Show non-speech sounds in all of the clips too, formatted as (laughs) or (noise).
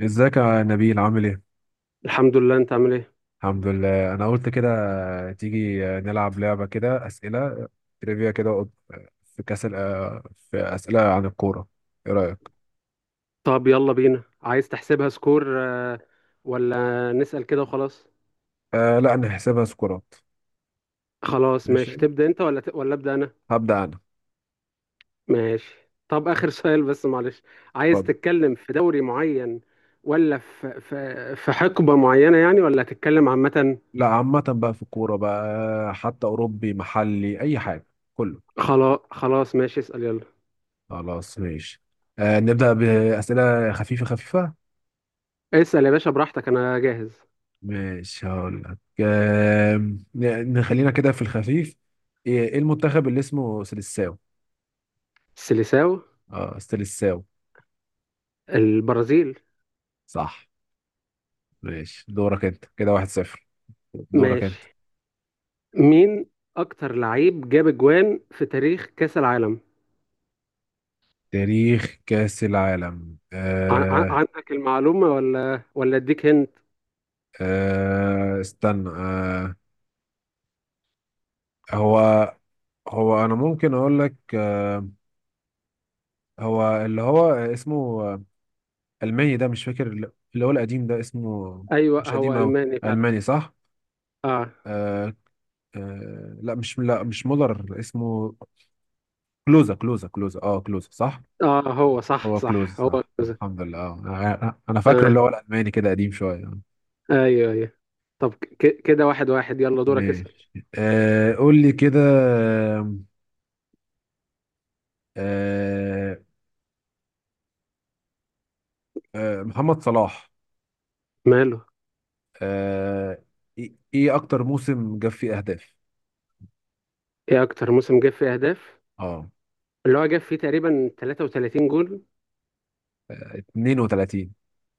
ازيك يا نبيل عامل ايه؟ الحمد لله. انت عامل ايه؟ الحمد لله انا قلت كده. تيجي نلعب لعبة كده، اسئلة تريفيا كده. في كاس ال- في اسئلة عن الكورة. ايه رأيك؟ طب يلا بينا. عايز تحسبها سكور ولا نسأل كده وخلاص؟ لا، نحسبها سكورات. خلاص ماشي. ماشي، تبدأ انت ولا أبدأ انا؟ هبدأ انا. ماشي. طب آخر (laughs) سؤال بس معلش. عايز اتفضل. تتكلم في دوري معين، ولا في حقبة معينة يعني، ولا هتتكلم عامة؟ لا، عامة بقى في الكورة بقى، حتى اوروبي محلي اي حاجة، كله. خلاص خلاص ماشي. اسأل يلا. خلاص ماشي. نبدأ بأسئلة خفيفة خفيفة. اسأل يا باشا براحتك، انا جاهز. ماشي هقول لك. آه نخلينا كده في الخفيف. إيه المنتخب اللي اسمه سيلساو؟ السيليساو؟ اه، استلساو. البرازيل. صح. ماشي دورك انت كده، واحد صفر. دورك انت. ماشي. مين اكتر لعيب جاب اجوان في تاريخ كأس العالم؟ تاريخ كأس العالم. عندك المعلومة ولا اديك هنت؟ استنى. آه هو هو انا ممكن اقول لك. هو اللي هو اسمه الماني، ده مش فاكر، اللي هو القديم ده اسمه. ايوه مش هو قديم قوي، الماني فعلا. الماني صح. اه، آه آه لا مش لا مش مولر اسمه. كلوزا، كلوزا صح. اه، هو صح، هو كلوز صح هو صح، كذا. الحمد لله. آه. انا أنا فاكره تمام. اللي هو الالماني كده، قديم شويه. ايوه، ايوه. طب كده 1-1. يلا دورك اسأل. ماشي، قول لي كده. آه محمد صلاح. ماله؟ آه ايه إيه اكتر موسم جاب فيه اهداف؟ ايه اكتر موسم جاب فيه اهداف؟ اه اللي هو جاب فيه تقريبا 33 جول. 32.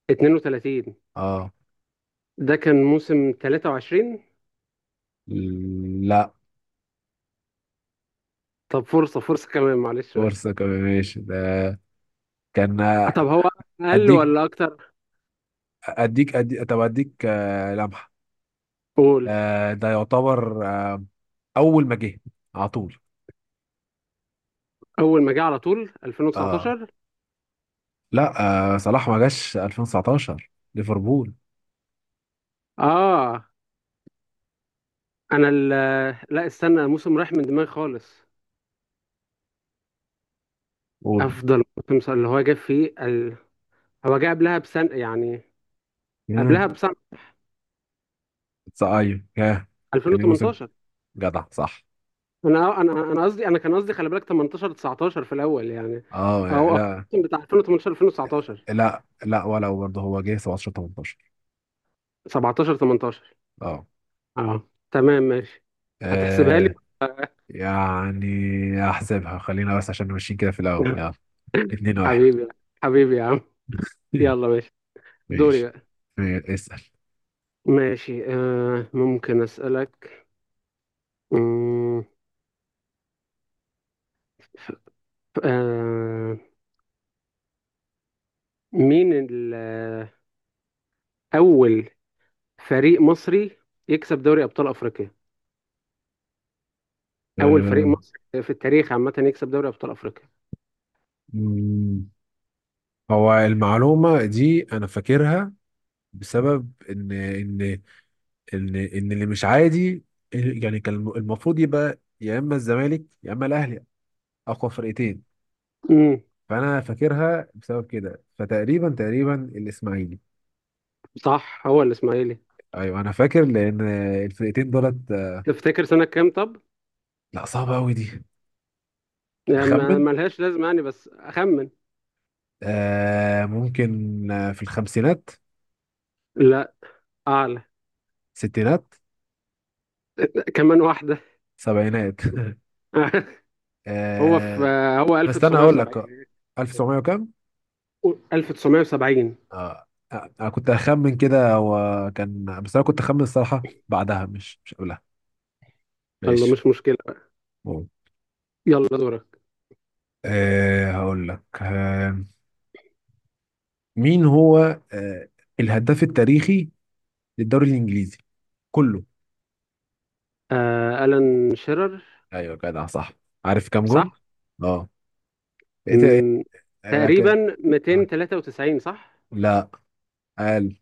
32؟ اه ده كان موسم 23. لا. طب فرصة، فرصة كمان معلش بقى. فرصه كمان ماشي، ده كان، آه، طب هو اقل اديك ولا اكتر؟ اديك أدي... طب اديك لمحه. قول. ده يعتبر اول ما جه على طول. اول ما جه على طول اه 2019؟ لا، صلاح ما جاش 2019 ليفربول. اه. انا ال- لا استنى، الموسم راح من دماغي خالص. قول. افضل موسم اللي هو جاب فيه. هو جاب قبلها بسنه يعني. قبلها امم بسنه. ايوه، ياه. يعني موسم 2018. جدع صح. انا قصدي، انا كان قصدي خلي بالك 18 19 في الاول يعني. اه او. لا الموسم بتاع 2018 2019. لا لا، ولا برضه، هو جه 17/18. 17 18. اه اه تمام ماشي. هتحسبها لي؟ آه، يعني احسبها، خلينا بس عشان ماشيين كده في الاول، يلا. (laughs) 2-1. حبيبي، حبيبي يا عم. (laughs) يلا ماشي. دوري ماشي. بقى. اسال. ماشي، ممكن اسالك، مم، آه مين ال- اول فريق مصري يكسب دوري ابطال افريقيا؟ اول فريق آه، مصري في التاريخ عامه يكسب دوري ابطال افريقيا. مم، هو المعلومة دي أنا فاكرها بسبب إن إن ان ان اللي مش عادي، يعني كان المفروض يبقى يا اما الزمالك يا اما الاهلي، اقوى فرقتين. امم فانا فاكرها بسبب كده. فتقريبا الاسماعيلي. صح هو الاسماعيلي. ايوه انا فاكر، لان الفرقتين دولت. تفتكر سنه كام طب؟ لا، صعبه قوي دي. يعني اخمن. ملهاش لازمه يعني، بس اخمن. ممكن في الخمسينات. لا. اعلى. ستينات. كمان واحده. سبعينات. (laughs) (laughs) هو في آه هو استنى اقول لك، 1970. 1900 وكام. 1970. انا كنت اخمن كده، وكان بس انا كنت اخمن الصراحه بعدها، مش مش قبلها. يلا ماشي. مش مشكله بقى. مم. يلا دورك. هقول لك مين هو أه الهداف التاريخي للدوري الانجليزي كله؟ ألان شيرر. ايوه جدع صح. عارف كام جون؟ صح. اه إيه- امم آه، كان- تقريبا آه. 293، صح؟ لا. قال.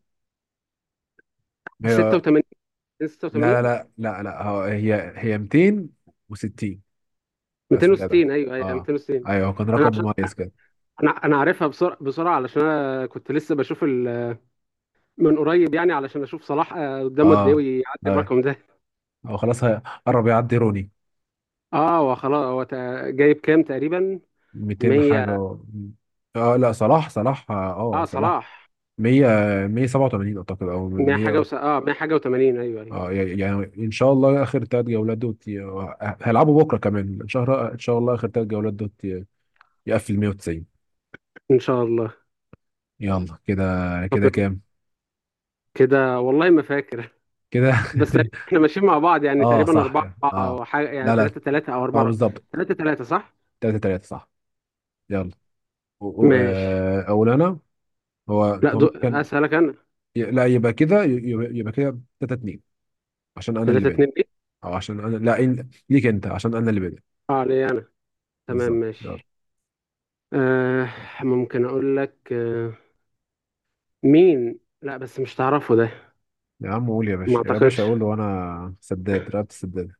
هي. 86. لا لا 86. لا لا لا هو- هي هي 260. بس جدع. 260. ايوه، ايوه، اه 260. ايوه، هو كان انا رقم عشان مميز كده. انا عارفها بسرعه بسرعه، علشان انا كنت لسه بشوف من قريب يعني، علشان اشوف صلاح قدامه قد ايه اه ويعدي اه الرقم ده (laughs) هو خلاص قرب يعدي روني. اه هو خلاص. جايب كام تقريبا؟ 200 حاجه 100؟ و... اه لا، صلاح، اه صلاح صلاح. 100، 187 اعتقد، او 100 حاجه 100. اه، 100 حاجه و80. ايوه، ايوه. اه يعني يعني ان شاء الله اخر ثلاث جولات دوت ي-، هيلعبوا بكره كمان، ان شاء الله. ان شاء الله اخر ثلاث جولات دوت ي- يقفل 190. ان شاء الله. يلا كده، طب كده يلا. كام؟ كده والله ما فاكر كده. (laughs) بس (laughs) احنا ماشيين مع بعض يعني اه تقريبا صح 4. كده. اه او حاجه يعني لا لا 3 3 او اه 4. بالظبط. 3 3، صح. 3-3 صح. يلا. ماشي. اول انا. هو لا هو دو... مين كان؟ اسالك انا. ي- لا يبقى كده ي- يبقى يبقى كده 3-2، عشان انا اللي 3 بادئ. 2 ايه؟ او عشان انا لا إن- ليك انت، عشان انا اللي بادئ. اه، ليه انا. تمام بالظبط. ماشي. آه ممكن اقول لك مين؟ لا بس مش تعرفه ده. يا عم قول يا ما باشا، يا باشا اعتقدش. قول وانا سداد رقبة السداد.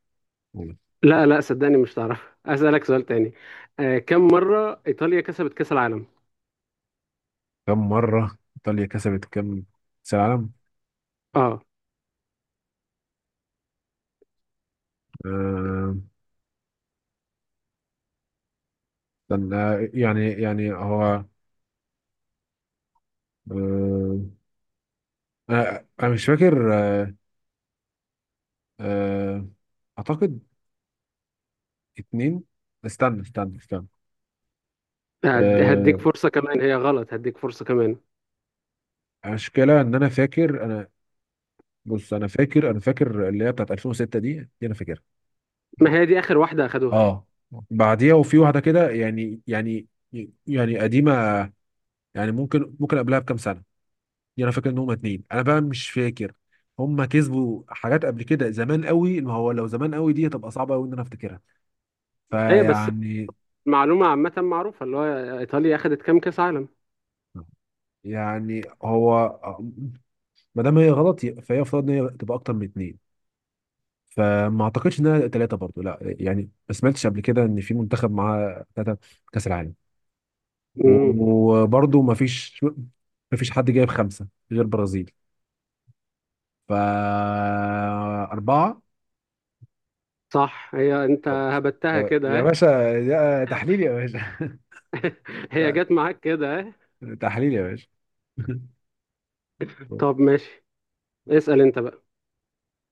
قول. لا، لا، صدقني مش تعرفه. اسالك سؤال تاني. كم مره ايطاليا كسبت كاس العالم؟ كم مرة ايطاليا كسبت كم كأس العالم؟ اه. آه... استنى، هو، آه... انا أنا مش فاكر. آه... اعتقد اتنين. استنى. هديك آه... فرصه كمان، هي غلط. هديك فرصه كمان. المشكلة ان انا فاكر. بص انا فاكر، فاكر اللي هي بتاعت 2006، دي دي انا فاكرها. ما هي دي اخر واحده اخدوها. اه بعديها وفي واحدة كده، يعني يعني يعني قديمة. يعني ممكن ممكن قبلها بكام سنه يعني. انا فاكر ان هما اتنين، انا بقى مش فاكر. هما كسبوا حاجات قبل كده زمان قوي، ما هو لو زمان قوي دي هتبقى صعبه قوي ان انا افتكرها. ايه بس، فيعني، معلومه عامه معروفه اللي هو ايطاليا اخدت كام كاس عالم؟ يعني هو ما دام هي غلط فهي المفروض ان هي تبقى اكتر من اتنين، فما اعتقدش انها ثلاثه برضو، لا. يعني ما سمعتش قبل كده ان في منتخب معاه ثلاثه كاس العالم. امم وبرضو ما فيش حد جايب خمسه غير برازيل، فأربعة. صح هي انت طب هبتها يا كده، يا ها؟ باشا، ده تحليل يا باشا. هي جت معاك كده، ها؟ (laughs) تحليل يا باشا. (laughs) طب ماشي، اسال انت بقى.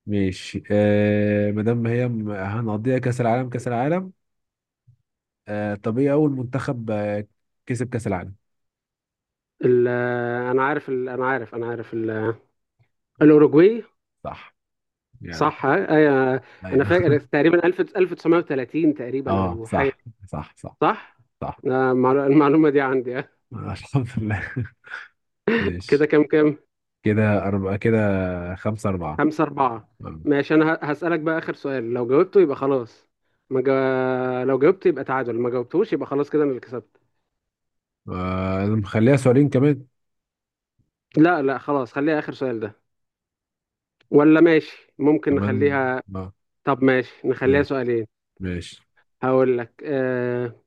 ماشي. ما دام هي هنقضيها كأس العالم كأس العالم. طب ايه اول منتخب كسب كأس العالم؟ ال- انا عارف، انا عارف الأوروجواي. صح. يعني، صح أنا ايوه. فاكر تقريبا 1000 1930 (laughs) تقريبا اه أو حاجة. صح، صح صح صح؟ صح. (laughs) المعلومة دي عندي الحمد لله. (laughs) كده ماشي. كام كام؟ كده أربعة، كده خمسة أربعة. 5-4. آه ماشي. أنا هسألك بقى آخر سؤال، لو جاوبته يبقى خلاص. ما جا... لو جاوبت يبقى تعادل، ما جاوبتوش يبقى خلاص كده أنا اللي كسبت. مخليها سؤالين كمان. لا، لا خلاص، خليها آخر سؤال ده. ولا ماشي ممكن كمان. نخليها. آه طب ماشي، نخليها ماشي سؤالين. ماشي. هقول لك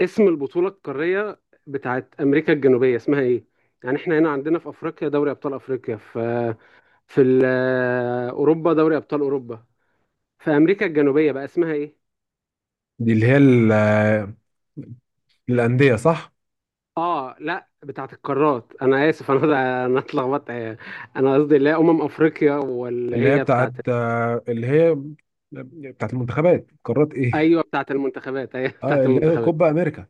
اسم البطولة القارية بتاعت أمريكا الجنوبية اسمها إيه؟ يعني إحنا هنا عندنا في أفريقيا دوري أبطال أفريقيا، في أوروبا دوري أبطال أوروبا. في أمريكا الجنوبية بقى اسمها إيه؟ دي اللي هي الأندية صح. لا بتاعت القارات. أنا آسف، أنا (laughs) أنا اتلخبطت. أنا قصدي اللي هي أمم أفريقيا، واللي اللي هي هي بتاعت، بتاعت. اللي هي بتاعت المنتخبات، قارات ايه. أيوه بتاعت المنتخبات، أيوه (laughs) اه، بتاعت اللي هي المنتخبات. كوبا امريكا.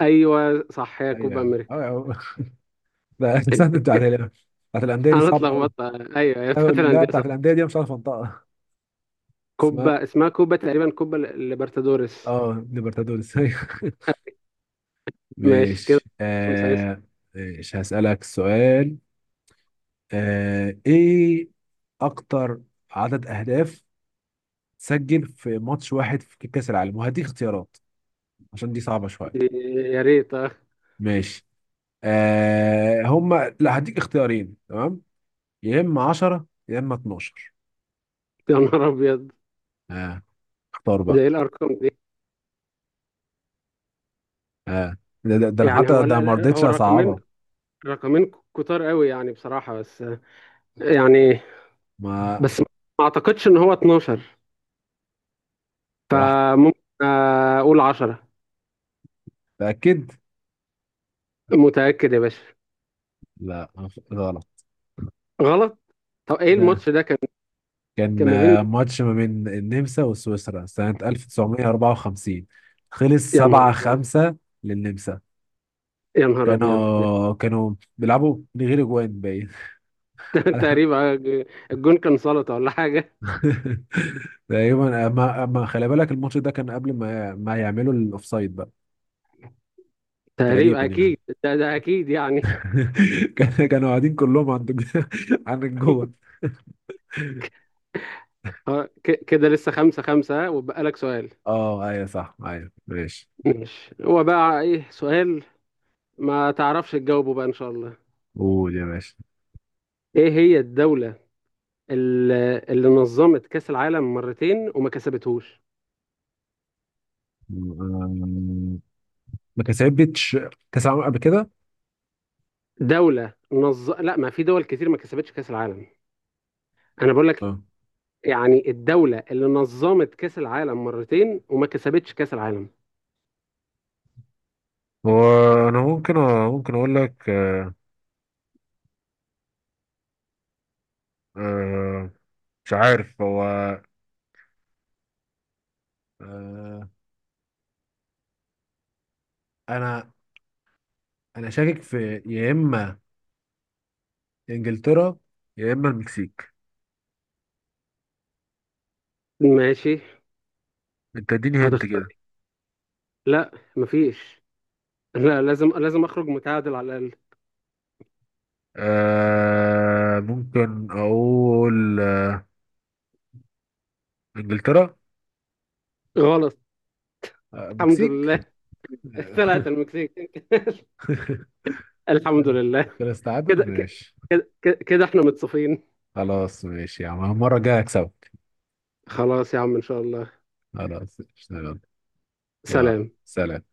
أيوه صح، هي كوبا ايوه، أمريكا. (laughs) ده السنه (laughs) بتاعت الانديه دي أنا صعبه قوي. اتلخبطت. أيوه هي بتاعت لا، الأندية، بتاعت صح. الانديه دي أنا مش عارف انطقها. اسمها، كوبا، اسمها كوبا تقريبا كوبا ليبرتادوريس. اه ليبرتادوريس. (laughs) أيوة. ماشي كده. ماشي. خمسة مش هسألك سؤال. ايه اكتر عدد اهداف تسجل في ماتش واحد في كأس العالم؟ وهديك اختيارات عشان دي صعبة شوية. يا ريت. ماشي. آه هما لا هديك اختيارين، تمام. يا اما 10 يا اما 12. يا نهار ابيض. اه اختار بقى. ده ايه الارقام دي؟ اه ده ده، ده أنا يعني حتى هو ال- ده ما ال- رضيتش هو الرقمين، اصعبها. رقمين كتار قوي يعني بصراحة. بس يعني، ما بس ما اعتقدش ان هو 12. راح، فممكن اقول 10. تاكد. متأكد يا باشا؟ لا، غلط. غلط. طب ايه ده الماتش ده كان؟ كان كان ما بين. ماتش ما بين النمسا وسويسرا سنة 1954. خلص يا نهار 7 ابيض. 5 للنمسا. يا نهار ابيض (laughs) ده كانوا بيلعبوا من غير اجوان باين. ده (laughs) تقريبا الجون كان سلطة ولا حاجة؟ (laughs) تقريبا، ما ما خلي بالك الماتش ده كان قبل ما ما يعملوا الاوفسايد بقى. تقريبا تقريبا يعني. اكيد. ده اكيد يعني. (laughs) كانوا قاعدين كلهم عند (laughs) عند الجون. كده لسه 5-5، وبقى لك سؤال. اه ايوه صح، ايوه ماشي. ماشي، هو بقى ايه سؤال. ما تعرفش تجاوبه بقى ان شاء الله. قول يا باشا. ايه هي الدولة اللي نظمت كأس العالم مرتين وما كسبتهوش؟ أمم، ما كسبتش كاس العالم قبل كده. لا ما في دول كتير ما كسبتش كأس العالم. انا بقول لك، اه يعني الدولة اللي نظمت كأس العالم مرتين وما كسبتش كأس العالم. وانا ممكن اقول لك آه، مش عارف هو. آه، انا شاكك في يا اما انجلترا يا اما المكسيك. ماشي. انت اديني هنت هتختار كده. إيه؟ لا، مفيش. لا لازم لازم اخرج متعادل على الاقل. ممكن اقول انجلترا. غلط. الحمد مكسيك. لله. (laughs) طلعت المكسيك. (laughs) الحمد لله. كده كده، استعادل. (laughs) ماشي. كده، كده، كده، احنا متصافين. خلاص ماشي يا عم، المرة الجاية هكسبك. خلاص يا عم، ان شاء الله. خلاص ماشي، يلا. يلا، سلام. سلام.